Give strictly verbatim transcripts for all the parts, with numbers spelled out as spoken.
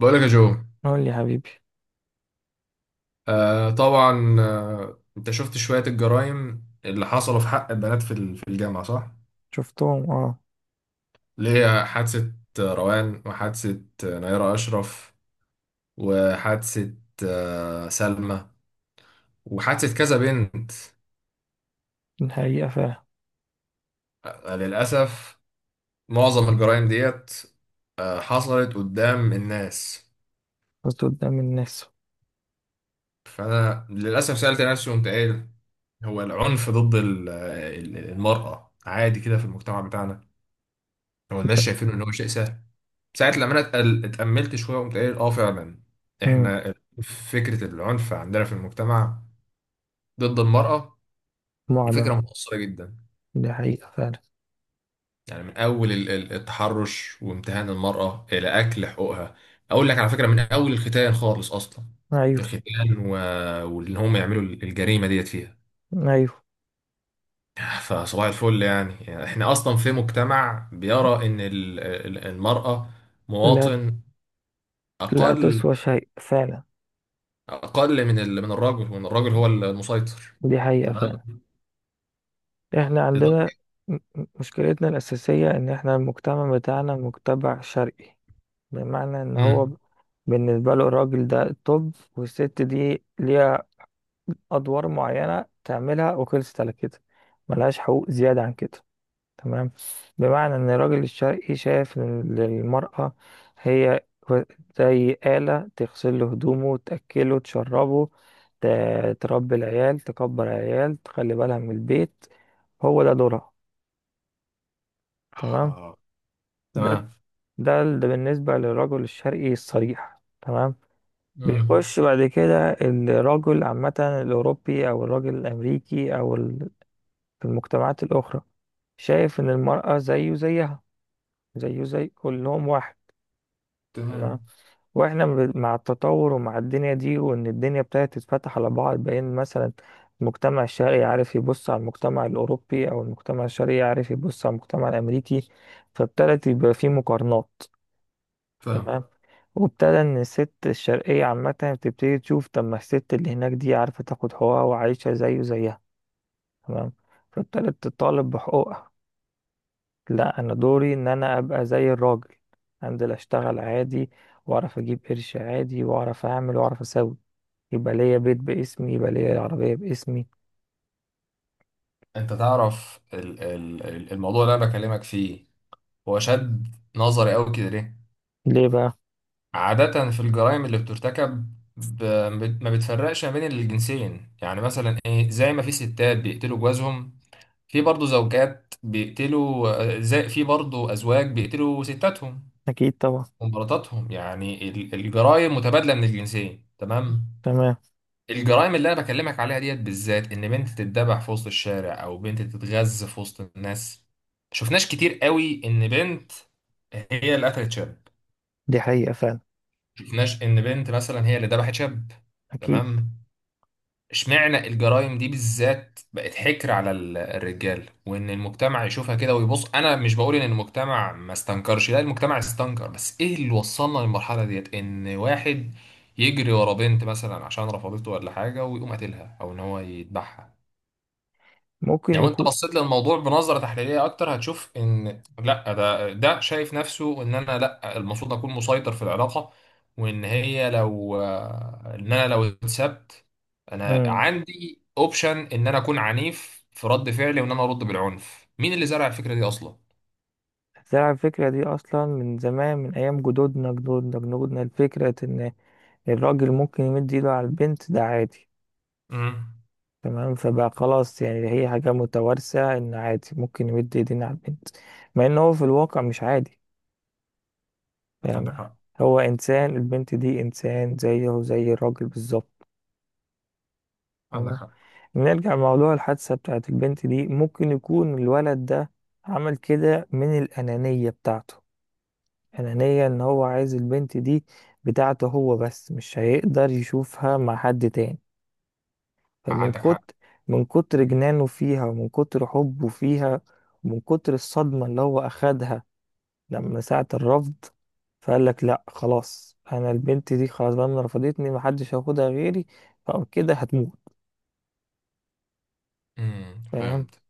بقولك يا جو. قول لي يا حبيبي. آه طبعا، آه انت شفت شوية الجرائم اللي حصلوا في حق البنات في ال- في الجامعة، صح؟ شفتهم، اه. اللي هي حادثة آه، روان، وحادثة آه، نيرة أشرف، وحادثة آه سلمى، وحادثة كذا بنت. الحقيقة فعلا. آه للأسف معظم الجرائم ديت آه حصلت قدام الناس. قصدي قدام الناس. فأنا للأسف سألت نفسي قمت قايل، هو العنف ضد ال- آه، ال- المرأة عادي كده في المجتمع بتاعنا؟ هو الناس شايفينه إن هو شيء سهل. ساعة لما انا اتقل- اتأملت شوية قمت قايل اه فعلا، امم. احنا فكرة العنف عندنا في المجتمع ضد المرأة دي فكرة معدن. مؤثرة جدا. دي حقيقة فعلا. يعني من أول ال- ال- التحرش وامتهان المرأة إلى أكل حقوقها. أقول لك على فكرة، من أول الختان خالص أصلا. ايوه. الختان و... وإن هم يعملوا الجريمة ديت فيها، ايوه. فصباح الفل يعني. يعني إحنا أصلا في مجتمع بيرى إن ال- ال- المرأة لا، مواطن لا أقل تسوى شيء فعلا. اقل من ال... من الراجل، وان الراجل هو المسيطر. دي حقيقة تمام فعلا. احنا عندنا لدرجة- م- م- مشكلتنا الأساسية ان احنا المجتمع بتاعنا مجتمع شرقي. بمعنى ان هو ب- امم بالنسبة له الراجل ده طب، والست دي ليها أدوار معينة تعملها وخلصت على كده، ملهاش حقوق زيادة عن كده. تمام. بمعنى ان الراجل الشرقي شايف ان المرأة هي زي آلة تغسل له هدومه، تأكله، تشربه، ت- تربي العيال، تكبر العيال، تخلي بالها من البيت. هو ده دورها. تمام. آه، ده تمام. ده ده بالنسبة للرجل الشرقي الصريح. تمام. امم بيخش بعد كده الرجل عامة الأوروبي أو الرجل الأمريكي أو ال- في المجتمعات الأخرى، شايف إن المرأة زيه زيها، زيه زي كلهم واحد. تمام. تمام. واحنا ب- مع التطور ومع الدنيا دي، وان الدنيا ابتدت تتفتح على بعض، بين مثلا المجتمع الشرقي عارف يبص على المجتمع الاوروبي او المجتمع الشرقي عارف يبص على المجتمع الامريكي، فابتدت يبقى في مقارنات. فاهم. تمام. وابتدى ان الست الشرقية عامة بتبتدي تشوف طب ما الست اللي هناك دي عارفة تاخد حقوقها وعايشة زيه زيها. تمام. فابتدت تطالب بحقوقها. لا، انا دوري ان انا ابقى زي الراجل. انزل اشتغل عادي، واعرف اجيب قرش عادي، واعرف اعمل واعرف اسوي، يبقى ليا بيت باسمي، يبقى ليا عربية باسمي. انت تعرف ال- ال- ال- الموضوع اللي انا بكلمك فيه هو شد نظري قوي كده ليه؟ ليه بقى؟ عادة في الجرائم اللي بترتكب ب- بت- ما بتفرقش ما بين الجنسين، يعني مثلا ايه، زي ما في ستات بيقتلوا جوازهم، في برضه زوجات بيقتلوا، آه، زي في برضه ازواج بيقتلوا ستاتهم اكيد طبعا. ومراتاتهم. يعني ال- الجرائم متبادله من الجنسين، تمام. تمام. الجرائم اللي انا بكلمك عليها ديت بالذات، ان بنت تتذبح في وسط الشارع او بنت تتغز في وسط الناس، شفناش كتير قوي ان بنت هي اللي قتلت شاب، دي حقيقة فعلا. شفناش ان بنت مثلا هي اللي ذبحت شاب. اكيد. تمام. اشمعنى الجرائم دي بالذات بقت حكر على ال- الرجال، وان المجتمع يشوفها كده ويبص. انا مش بقول ان المجتمع ما استنكرش، لا، المجتمع استنكر، بس ايه اللي وصلنا للمرحلة ديت ان واحد يجري ورا بنت مثلا عشان رفضته ولا حاجة ويقوم قاتلها او ان هو يذبحها؟ ممكن يعني لو انت يكون. بصيت للموضوع بنظره تحليليه اكتر، هتشوف ان لا، ده ده شايف نفسه ان انا، لا، المفروض اكون مسيطر في العلاقه، وان هي لو ان انا لو اتسبت، انا امم. عندي اوبشن ان انا اكون عنيف في رد فعلي وان انا ارد بالعنف. مين اللي زرع الفكره دي اصلا؟ زرع الفكرة دي اصلا من زمان، من ايام جدودنا جدودنا جدودنا، الفكرة ان الراجل ممكن يمد ايده على البنت ده عادي. امم تمام. فبقى خلاص يعني هي حاجة متوارثة ان عادي ممكن يمد ايدينا على البنت، مع ان هو في الواقع مش عادي. عندك فاهمة؟ حق، هو إنسان، البنت دي إنسان زيه زي الراجل بالظبط. عندك فاهمة؟ حق، نرجع لموضوع الحادثة بتاعت البنت دي، ممكن يكون الولد ده عمل كده من الأنانية بتاعته. أنانية إن هو عايز البنت دي بتاعته هو بس، مش هيقدر يشوفها مع حد تاني. فمن عندك حق. كتر من كتر جنانه فيها ومن كتر حبه فيها، ومن كتر الصدمة اللي هو أخدها لما ساعة الرفض. فقال لك لا، خلاص انا البنت دي خلاص بقى، من رفضتني محدش هياخدها غيري، فكده هتموت. امم فاهم؟ فهمت،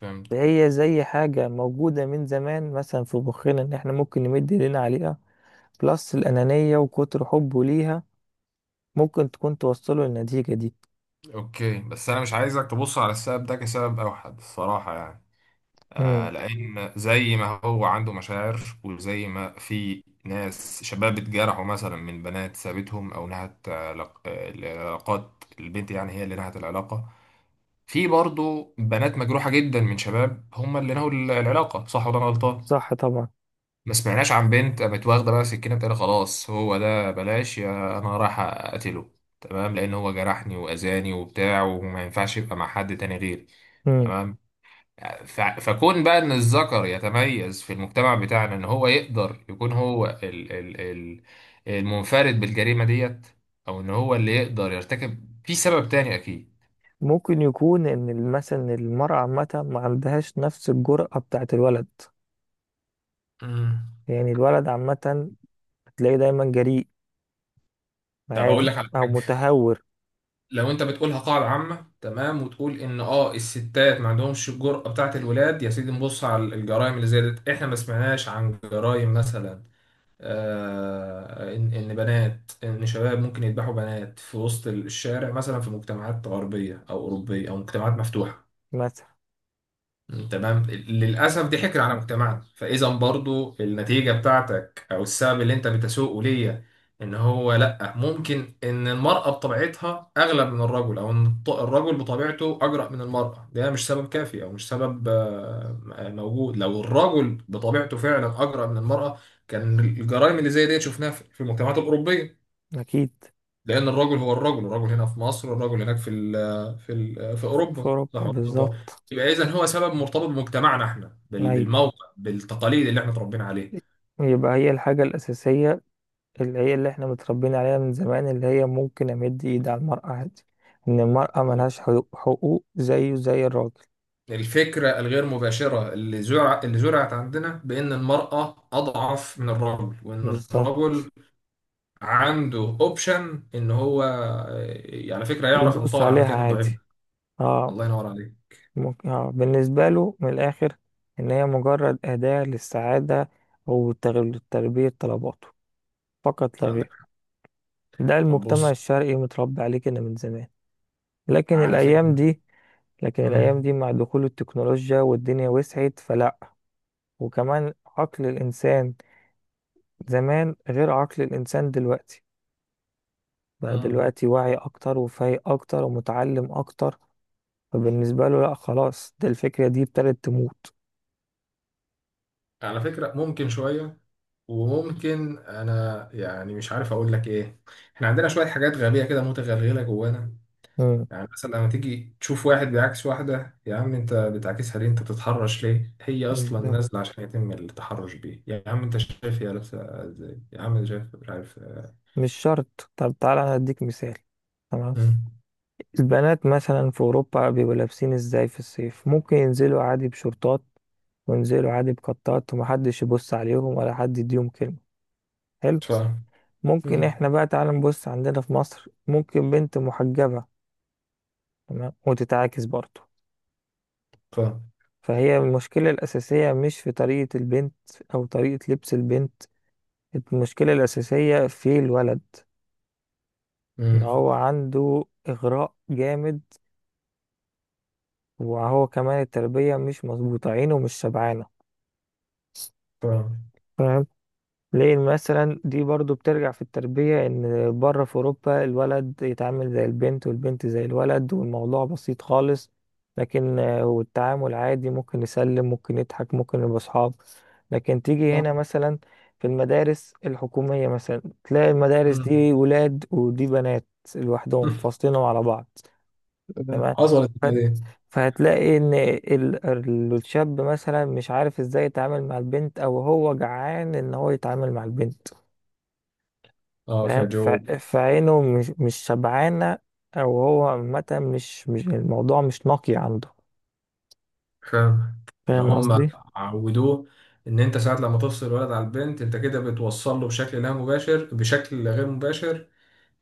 فهمت. فهي زي حاجة موجودة من زمان مثلا في مخنا ان احنا ممكن نمد ايدينا عليها. بلس الأنانية وكتر حبه ليها، ممكن تكون توصله للنتيجة دي. اوكي، بس انا مش عايزك تبص على السبب ده كسبب اوحد، الصراحه يعني، آه، امم. لأن زي ما هو عنده مشاعر، وزي ما في ناس شباب اتجرحوا مثلا من بنات سابتهم أو نهت آه، لق- آه، العلاقات، البنت يعني هي اللي نهت العلاقة، في برضه بنات مجروحة جدا من شباب هم اللي نهوا ال- العلاقة. صح ولا أنا غلطان؟ صح طبعا. ما سمعناش عن بنت قامت واخدة بقى سكينة بتقول خلاص هو ده، بلاش يا أنا رايح أقتله تمام، لأن هو جرحني وأذاني وبتاع وما ينفعش يبقى مع حد تاني غيري. امم. تمام. ف- فكون بقى ان الذكر يتميز في المجتمع بتاعنا ان هو يقدر يكون هو ال ال ال المنفرد بالجريمة ديت، او ان هو اللي يقدر يرتكب، في سبب تاني اكيد. ممكن يكون ان ال- مثلا المرأة عامة ما عندهاش نفس الجرأة بتاعت الولد. مم. يعني الولد عامة تلاقيه دايما جريء، طب اقول عادي لك على او حاجه، متهور. لو انت بتقولها قاعده عامه، تمام، وتقول ان اه الستات ما عندهمش الجرأه بتاعه الولاد، يا سيدي نبص على الجرائم اللي زادت. احنا ما سمعناش عن جرائم مثلا، آه، إن إن بنات إن شباب ممكن يذبحوا بنات في وسط الشارع مثلا في مجتمعات غربية أو أوروبية أو مجتمعات مفتوحة. مثلا. مم. تمام. للأسف دي حكر على مجتمعنا. فإذا برضو النتيجة بتاعتك أو السبب اللي أنت بتسوقه ليا إن هو لأ، ممكن إن المرأة بطبيعتها أغلب من الرجل أو إن الط- الرجل بطبيعته أجرأ من المرأة، ده مش سبب كافي أو مش سبب آه، آه، موجود. لو الرجل بطبيعته فعلا أجرأ من المرأة كان الجرائم اللي زي دي شفناها في في المجتمعات الأوروبية، أكيد. لان الرجل هو الرجل الرجل هنا في مصر، والرجل هناك في ال في ال في ف- اوروبا، في صح أوروبا ولا أنا غلطان؟ بالظبط. يبقى اذا هو سبب مرتبط بمجتمعنا احنا، بال- أيوة. بالموقع، بالتقاليد اللي احنا اتربينا عليها. يبقى هي الحاجة الأساسية اللي هي اللي احنا متربيين عليها من زمان، اللي هي ممكن أمد إيد على المرأة عادي، إن المرأة ملهاش حقوق، حقوق زيه زي الراجل. الفكره الغير مباشره اللي زرع اللي زرعت عندنا بان المراه اضعف من الرجل، وان بالظبط. الرجل عنده اوبشن ان هو، آه، على فكره، يعرف يدوس يتطاول على عليها الكائن الضعيف عادي. ده. الله اه. ينور عليك. ممكن اه بالنسبة له من الآخر، إن هي مجرد أداة للسعادة وتلبية طلباته، فقط لا عندك غير. ده طب المجتمع بص، الشرقي متربي عليه كده من زمان. لكن على الأيام فكره، دي، لكن الأيام امم دي مع دخول التكنولوجيا والدنيا وسعت، فلأ. وكمان عقل الإنسان زمان غير عقل الإنسان دلوقتي، بقى امم دلوقتي واعي أكتر وفايق أكتر ومتعلم أكتر. فبالنسبة له، لأ، خلاص ده الفكرة دي ابتدت تموت. على فكره ممكن شويه، وممكن انا يعني مش عارف اقول لك ايه، احنا عندنا شويه حاجات غبيه كده متغلغله جوانا. مم. يعني مثلا لما تيجي تشوف واحد بيعكس واحده، يا عم انت بتعكسها ليه، انت بتتحرش ليه، هي اصلا بالظبط. نازله عشان يتم التحرش بيه، يا عم انت شايف هي لابسه ازاي، يا عم انت شايف، مش عارف. مش شرط. طب تعالى أنا أديك مثال. تمام. مم. البنات مثلا في أوروبا بيبقوا لابسين إزاي في الصيف؟ ممكن ينزلوا عادي بشورتات وينزلوا عادي بقطات، ومحدش يبص عليهم ولا حد يديهم كلمة. حلو. فاهم. ممكن مم. احنا بقى تعالى نبص عندنا في مصر، ممكن بنت محجبة تمام وتتعاكس برضه. فاهم. فهي المشكلة الأساسية مش في طريقة البنت أو طريقة لبس البنت، المشكلة الأساسية في الولد، إن مم. هو عنده إغراء جامد. وهو كمان التربية مش مظبوطة، عينه مش شبعانة. فاهم، ليه؟ مثلا دي برضو بترجع في التربية ان بره في اوروبا الولد يتعامل زي البنت والبنت زي الولد والموضوع بسيط خالص. لكن آه، والتعامل عادي، ممكن يسلم، ممكن يضحك، ممكن يبقى صحاب. لكن تيجي هنا فاهم. مثلا في المدارس الحكومية مثلا، تلاقي المدارس مم. دي ولاد ودي بنات لوحدهم، فاصلينهم على بعض. تمام. حصلت فهت- دي. فهتلاقي ان ال- ال- الشاب مثلا مش عارف ازاي يتعامل مع البنت، او هو جعان ان هو يتعامل مع البنت. اه، فاهم؟ ف- خجول. فعينه مش مش شبعانة. أو هو عامة، مش مش الموضوع مش نقي عنده. فاهم. ان فاهم هم قصدي؟ عودوه، ان انت ساعات لما تفصل الولد على البنت انت كده بتوصل له بشكل لا مباشر، بشكل غير مباشر،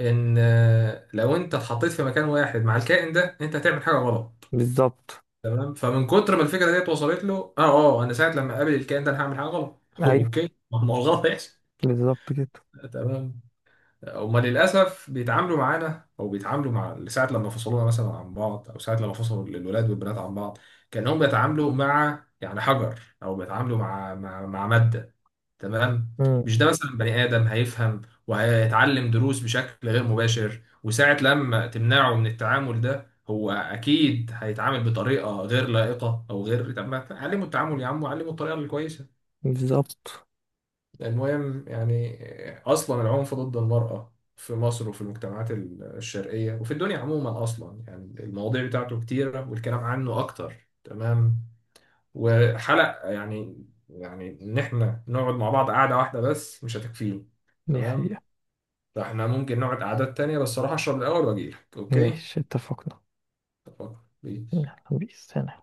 ان آه، لو انت اتحطيت في مكان واحد مع الكائن ده انت هتعمل حاجه غلط. بالظبط. تمام. فمن كتر ما الفكره ديت وصلت له، اه اه انا ساعه لما اقابل الكائن ده انا هعمل حاجه غلط. أيوه اوكي، ما هو الغلط هيحصل. بالظبط كده. تمام. هما للأسف بيتعاملوا معانا أو بيتعاملوا مع ساعة لما فصلونا مثلا عن بعض أو ساعة لما فصلوا الولاد والبنات عن بعض، كأنهم بيتعاملوا مع يعني حجر، أو بيتعاملوا مع مع, مع مادة. تمام. مم. مش ده مثلا بني آدم هيفهم وهيتعلم دروس بشكل غير مباشر؟ وساعة لما تمنعه من التعامل ده هو أكيد هيتعامل بطريقة غير لائقة أو غير، طب ما علمه التعامل يا عم، وعلمه الطريقة الكويسة. بالظبط. المهم يعني، آه، أصلا العنف ضد المرأة في مصر وفي المجتمعات الشرقية وفي الدنيا عموما أصلا، يعني المواضيع بتاعته كتيرة والكلام عنه أكتر. تمام. وحلق يعني يعني إن إحنا نقعد مع بعض قعدة واحدة بس مش هتكفيه. دي تمام. حقيقة. فإحنا ممكن نقعد قعدات تانية. بس أروح أشرب الأول وأجيلك، أوكي؟ ماشي، اتفقنا. اتفقنا بيس يلا، بيس سلام.